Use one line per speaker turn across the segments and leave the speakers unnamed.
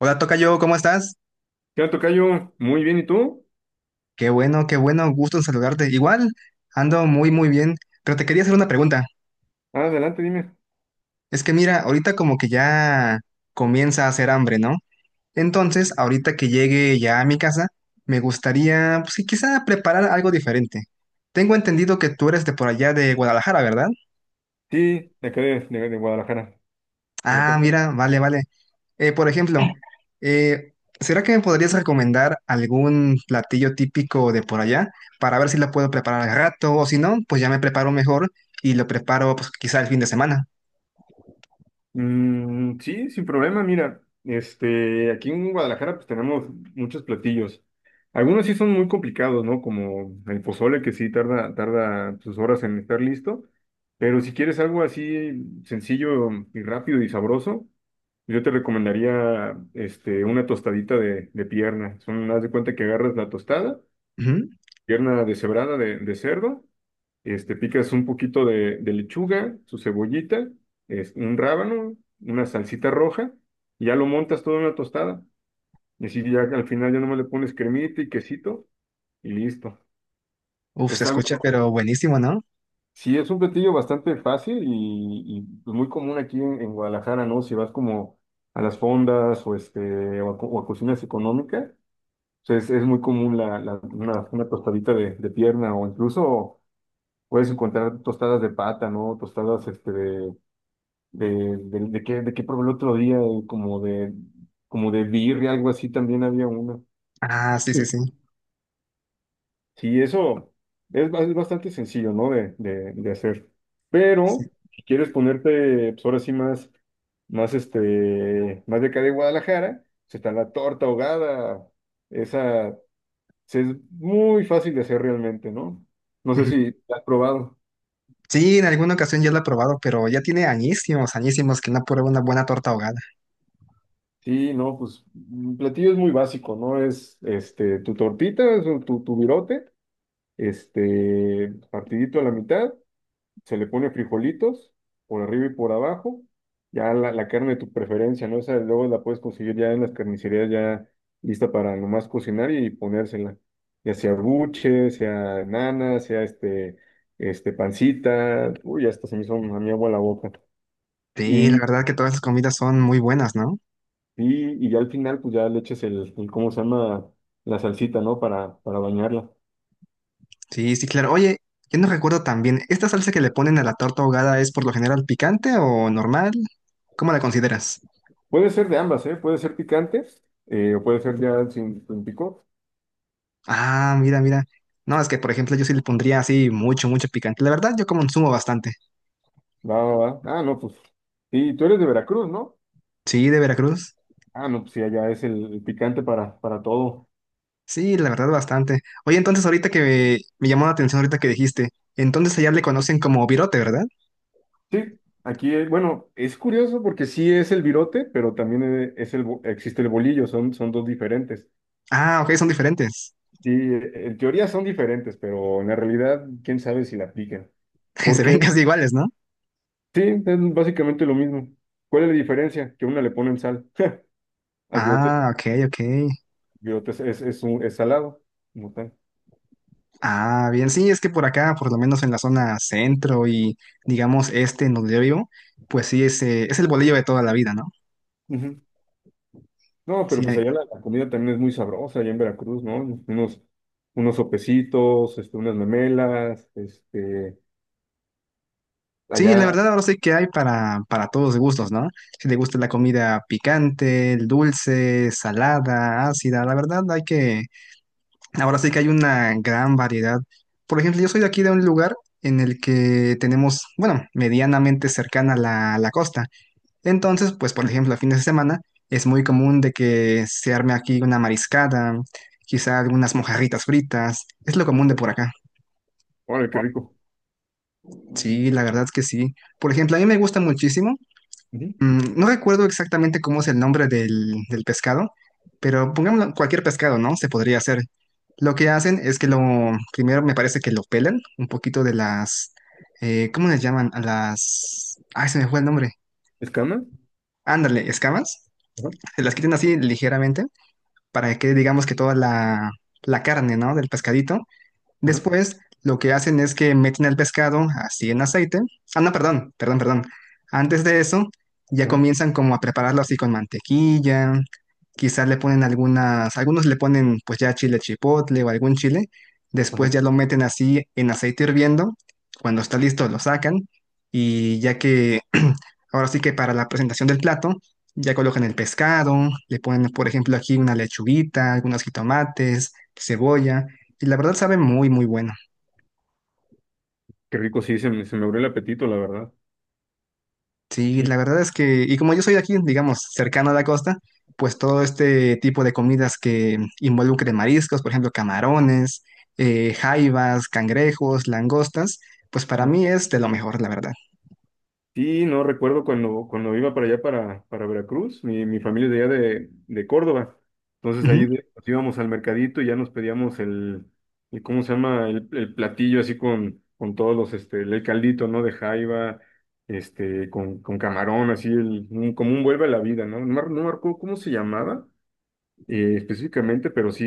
Hola, tocayo, ¿cómo estás?
¿Qué onda, tocayo? Muy bien, ¿y tú?
Qué bueno, gusto en saludarte. Igual, ando muy, muy bien, pero te quería hacer una pregunta.
Ah, adelante, dime.
Es que mira, ahorita como que ya comienza a hacer hambre, ¿no? Entonces, ahorita que llegue ya a mi casa, me gustaría, pues, sí, quizá preparar algo diferente. Tengo entendido que tú eres de por allá de Guadalajara, ¿verdad?
Sí, de acá de Guadalajara. De la
Ah,
Perla.
mira, vale, vale. Por ejemplo, eh, ¿será que me podrías recomendar algún platillo típico de por allá para ver si lo puedo preparar al rato o si no, pues ya me preparo mejor y lo preparo pues quizá el fin de semana?
Mm, sí, sin problema, mira. Aquí en Guadalajara pues tenemos muchos platillos. Algunos sí son muy complicados, ¿no? Como el pozole, que sí tarda sus horas en estar listo. Pero si quieres algo así sencillo y rápido y sabroso, yo te recomendaría una tostadita de pierna. Son, haz de cuenta que agarras la tostada.
Ujú.
Pierna deshebrada de cerdo, picas un poquito de lechuga, su cebollita, es, un rábano, una salsita roja, y ya lo montas todo en una tostada. Y así ya al final ya nomás le pones cremita y quesito y listo.
Uf, se
Es
escucha,
algo,
pero buenísimo, ¿no?
sí, es un platillo bastante fácil pues, muy común aquí en Guadalajara, ¿no? Si vas como a las fondas o, o, a, o a cocinas económicas, o es muy común una tostadita de pierna o incluso puedes encontrar tostadas de pata, ¿no? Tostadas de qué probé el otro día, como de birria, algo así también había una.
Ah, sí, sí,
Sí.
sí.
Sí, eso es, es bastante sencillo, ¿no? De hacer.
Sí.
Pero si quieres ponerte, pues ahora sí más, más más de acá de Guadalajara, se está la torta ahogada. Esa es muy fácil de hacer realmente, ¿no? No sé
Ujú.
si la has probado.
Sí, en alguna ocasión ya lo he probado, pero ya tiene añísimos, añísimos que no pruebo una buena torta ahogada.
Sí, no, pues un platillo es muy básico, ¿no? Es este tu tortita, es tu virote, partidito a la mitad, se le pone frijolitos por arriba y por abajo, ya la carne de tu preferencia, ¿no? Esa luego la puedes conseguir ya en las carnicerías ya lista para nomás cocinar y ponérsela, ya sea buche, sea nana, sea este pancita, uy, hasta se me hizo a mi agua la boca.
Sí, la verdad que todas las comidas son muy buenas, ¿no?
Y ya al final, pues ya le eches ¿cómo se llama? La salsita, ¿no? Para bañarla.
Sí, sí, claro. Oye, yo no recuerdo también, ¿esta salsa que le ponen a la torta ahogada es por lo general picante o normal? ¿Cómo la consideras?
Puede ser de ambas, ¿eh? Puede ser picante, o puede ser ya sin picor.
Ah, mira, mira. No, es que por ejemplo yo sí le pondría así mucho, mucho picante. La verdad, yo consumo bastante.
Va, va, va. Ah, no, pues. Y tú eres de Veracruz, ¿no?
Sí, de Veracruz.
Ah, no, pues sí, allá es el picante para todo.
Sí, la verdad, bastante. Oye, entonces ahorita me llamó la atención ahorita que dijiste, entonces allá le conocen como virote, ¿verdad?
Sí, aquí, bueno, es curioso porque sí es el virote, pero también es el, existe el bolillo, son dos diferentes.
Ah, ok, son diferentes.
Sí, en teoría son diferentes, pero en la realidad, quién sabe si la aplican.
Se ven
Porque.
casi iguales, ¿no?
Sí, es básicamente lo mismo. ¿Cuál es la diferencia? Que una le ponen sal. Al bigote,
Ah, ok, ok.
bigote es un, es salado, como tal.
Ah, bien, sí, es que por acá, por lo menos en la zona centro y digamos este en donde yo vivo, pues sí, es el bolillo de toda la vida, ¿no?
Ujú. No, pero
Sí,
pues
hay-
allá la comida también es muy sabrosa, allá en Veracruz, ¿no? Unos, unos sopecitos, unas memelas,
sí, la
allá.
verdad ahora sí que hay para todos gustos, ¿no? Si te gusta la comida picante, dulce, salada, ácida, la verdad hay que, ahora sí que hay una gran variedad. Por ejemplo, yo soy de aquí de un lugar en el que tenemos, bueno, medianamente cercana la costa. Entonces, pues por ejemplo, a fines de semana es muy común de que se arme aquí una mariscada, quizá algunas mojarritas fritas, es lo común de por acá.
Órale, qué rico.
Sí, la verdad es que sí. Por ejemplo, a mí me gusta muchísimo,
Ujú.
no recuerdo exactamente cómo es el nombre del pescado, pero pongámoslo, cualquier pescado, ¿no? Se podría hacer. Lo que hacen es que primero me parece que lo pelan un poquito de las, ¿cómo les llaman? A las... Ay, se me fue el nombre.
¿Escama?
Ándale, escamas.
Ajá,
Se las quitan así ligeramente para que digamos, que toda la carne, ¿no? Del pescadito.
ajá,
Después, lo que hacen es que meten el pescado así en aceite. Ah, no, perdón, perdón, perdón. Antes de eso, ya
ajá,
comienzan como a prepararlo así con mantequilla. Quizás le ponen algunas, algunos le ponen pues ya chile chipotle o algún chile.
ajá.
Después ya lo meten así en aceite hirviendo. Cuando está listo, lo sacan. Y ya que, ahora sí que para la presentación del plato, ya colocan el pescado, le ponen, por ejemplo, aquí una lechuguita, algunos jitomates, cebolla. Y la verdad sabe muy, muy bueno.
Qué rico, sí, se me abrió el apetito, la verdad.
Sí,
Sí.
la verdad es que, y como yo soy de aquí, digamos, cercano a la costa, pues todo este tipo de comidas que involucre mariscos, por ejemplo, camarones, jaivas, cangrejos, langostas, pues para mí es de lo mejor, la verdad.
Sí, no recuerdo cuando iba para allá, para Veracruz, mi familia es de allá de Córdoba. Entonces ahí nos íbamos al mercadito y ya nos pedíamos el ¿cómo se llama? El platillo así con todos los, el caldito, ¿no? De jaiba, con camarón, así, como un vuelve a la vida, ¿no? No, no me acuerdo cómo se llamaba, específicamente, pero sí,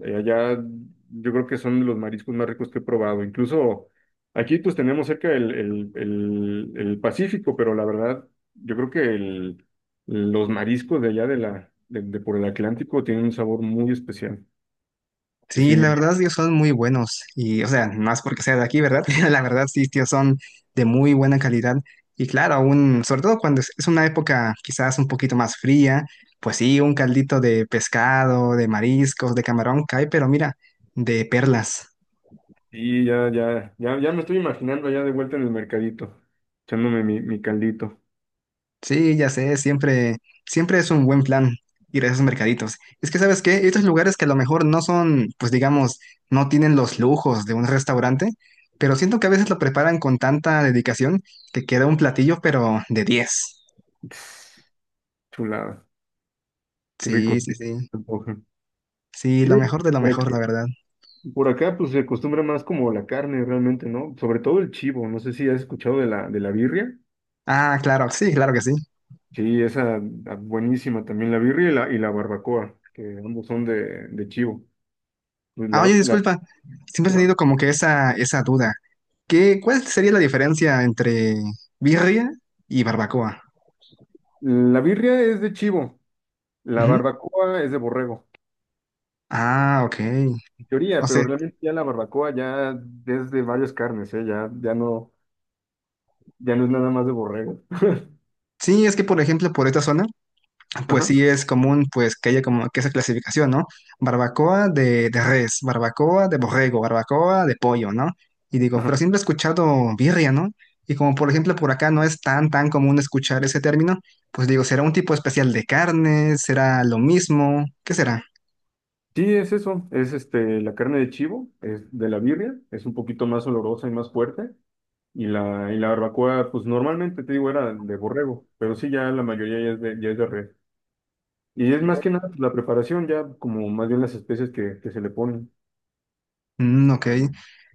allá yo creo que son de los mariscos más ricos que he probado. Incluso aquí pues tenemos cerca el Pacífico, pero la verdad yo creo que el, los mariscos de allá de por el Atlántico tienen un sabor muy especial. Que
Sí,
sí, me,
la verdad, ellos son muy buenos. Y, o sea, no es porque sea de aquí, ¿verdad? La verdad, sí, tío, son de muy buena calidad. Y claro, aún, sobre todo cuando es una época quizás un poquito más fría, pues sí, un caldito de pescado, de mariscos, de camarón cae, pero mira, de perlas.
sí, ya me estoy imaginando allá de vuelta en el mercadito, echándome mi caldito.
Sí, ya sé, siempre, siempre es un buen plan ir a esos mercaditos. Es que, ¿sabes qué? Estos lugares que a lo mejor no son, pues digamos, no tienen los lujos de un restaurante, pero siento que a veces lo preparan con tanta dedicación que queda un platillo, pero de diez.
Tss, chulada, qué rico.
Sí, sí, sí. Sí,
Sí,
lo mejor de lo mejor, la verdad.
por acá, pues se acostumbra más como la carne realmente, ¿no? Sobre todo el chivo. No sé si has escuchado de la birria.
Ah, claro, sí, claro que sí.
Sí, esa ah, buenísima también, la birria y la barbacoa, que ambos son de chivo. Pues
Ah, oye, disculpa, siempre he tenido
Ajá.
como que esa duda. ¿Qué, cuál sería la diferencia entre birria y barbacoa?
La birria es de chivo, la
Ujú.
barbacoa es de borrego,
Ah, ok.
en
O
teoría, pero
sea,
realmente ya la barbacoa ya es de varias carnes, ¿eh? Ya no, ya no es nada más de borrego.
sí, es que por ejemplo por esta zona, pues
Ajá,
sí es común pues que haya como que esa clasificación, ¿no? Barbacoa de res, barbacoa de borrego, barbacoa de pollo, ¿no? Y digo, pero
ajá.
siempre he escuchado birria, ¿no? Y como por ejemplo por acá no es tan tan común escuchar ese término, pues digo, ¿será un tipo especial de carne? ¿Será lo mismo? ¿Qué será?
Sí, es eso, es la carne de chivo, es de la birria, es un poquito más olorosa y más fuerte. Y la barbacoa, pues normalmente te digo, era de borrego, pero sí, ya la mayoría ya es de res. Y es más que nada pues, la preparación, ya como más bien las especies que se le ponen.
Mm, ok.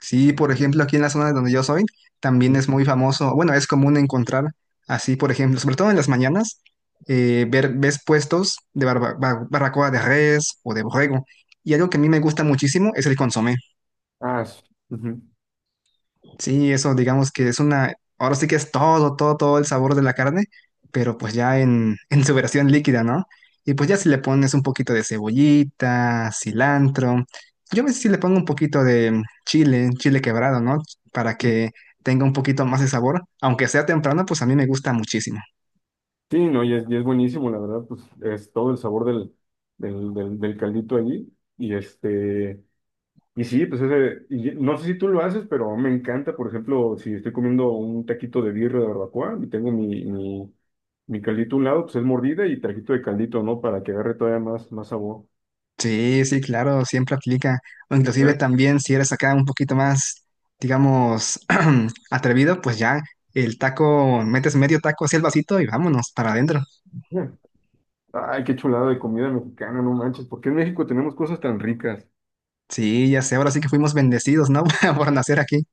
Sí, por ejemplo, aquí en la zona donde yo soy, también
Ujú.
es muy famoso, bueno, es común encontrar así, por ejemplo, sobre todo en las mañanas, ver, ves puestos de barba- bar- barbacoa de res o de borrego. Y algo que a mí me gusta muchísimo es el consomé.
Ah, sí. Ujú.
Sí, eso digamos que es una, ahora sí que es todo, todo, todo el sabor de la carne, pero pues ya en, en su versión líquida, ¿no? Y pues ya si le pones un poquito de cebollita, cilantro, yo a veces sí le pongo un poquito de chile, chile quebrado, ¿no? Para que tenga un poquito más de sabor, aunque sea temprano, pues a mí me gusta muchísimo.
Sí, no, y es buenísimo, la verdad, pues es todo el sabor del caldito allí. Y este, Y sí, pues ese, y no sé si tú lo haces, pero me encanta, por ejemplo, si estoy comiendo un taquito de birra de barbacoa y tengo mi caldito a un lado, pues es mordida y taquito de caldito, ¿no? Para que agarre todavía más, más sabor.
Sí, sí, claro, siempre aplica. O inclusive también si eres acá un poquito más, digamos, atrevido, pues ya el taco, metes medio taco hacia el vasito y vámonos para adentro.
Ay, qué chulada de comida mexicana, no manches, ¿por qué en México tenemos cosas tan ricas?
Sí, ya sé, ahora sí que fuimos bendecidos, ¿no? Por nacer aquí.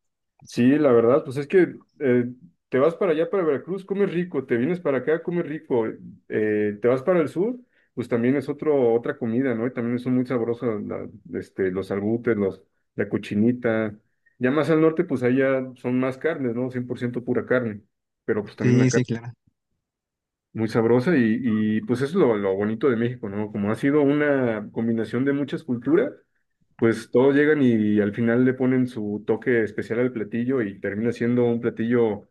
Sí, la verdad, pues es que te vas para allá, para Veracruz, comes rico, te vienes para acá, comes rico, te vas para el sur, pues también es otro, otra comida, ¿no? Y también son muy sabrosos los albutes, los, la cochinita. Ya más al norte, pues allá son más carnes, ¿no? 100% pura carne, pero pues también
Sí,
la
sí,
carne
claro.
muy sabrosa y pues eso es lo bonito de México, ¿no? Como ha sido una combinación de muchas culturas, pues todos llegan y al final le ponen su toque especial al platillo y termina siendo un platillo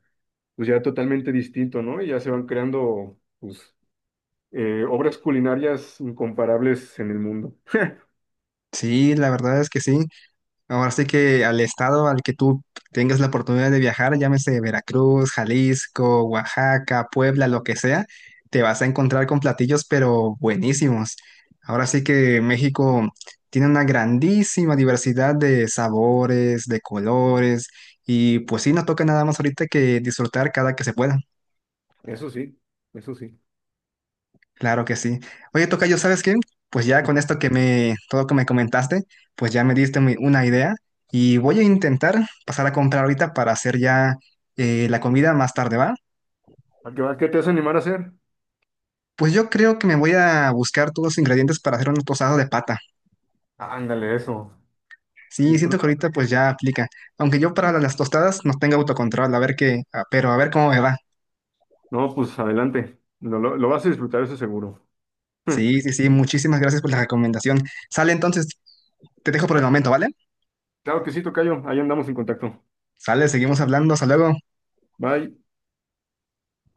pues ya totalmente distinto, ¿no? Y ya se van creando pues obras culinarias incomparables en el mundo.
Sí, la verdad es que sí. Ahora sí que al estado al que tú tengas la oportunidad de viajar, llámese Veracruz, Jalisco, Oaxaca, Puebla, lo que sea, te vas a encontrar con platillos pero buenísimos. Ahora sí que México tiene una grandísima diversidad de sabores, de colores y pues sí, no toca nada más ahorita que disfrutar cada que se pueda.
Eso sí, eso sí.
Claro que sí. Oye, Tocayo, ¿sabes qué? Pues ya con esto que me, todo lo que me comentaste, pues ya me diste muy- una idea y voy a intentar pasar a comprar ahorita para hacer ya la comida más tarde, ¿va?
¿A qué te vas a animar a hacer?
Pues yo creo que me voy a buscar todos los ingredientes para hacer unos tostados de pata.
Ándale, eso.
Sí, siento que
Disfruta.
ahorita pues ya aplica. Aunque yo para las tostadas no tengo autocontrol, a ver qué, a- pero a ver cómo me va.
No, pues adelante. Lo vas a disfrutar, eso seguro.
Sí, sí, sí, muchísimas gracias por la recomendación. Sale entonces, te dejo por el momento, ¿vale?
Claro que sí, tocayo. Ahí andamos en contacto.
Sale, seguimos hablando, hasta luego.
Bye.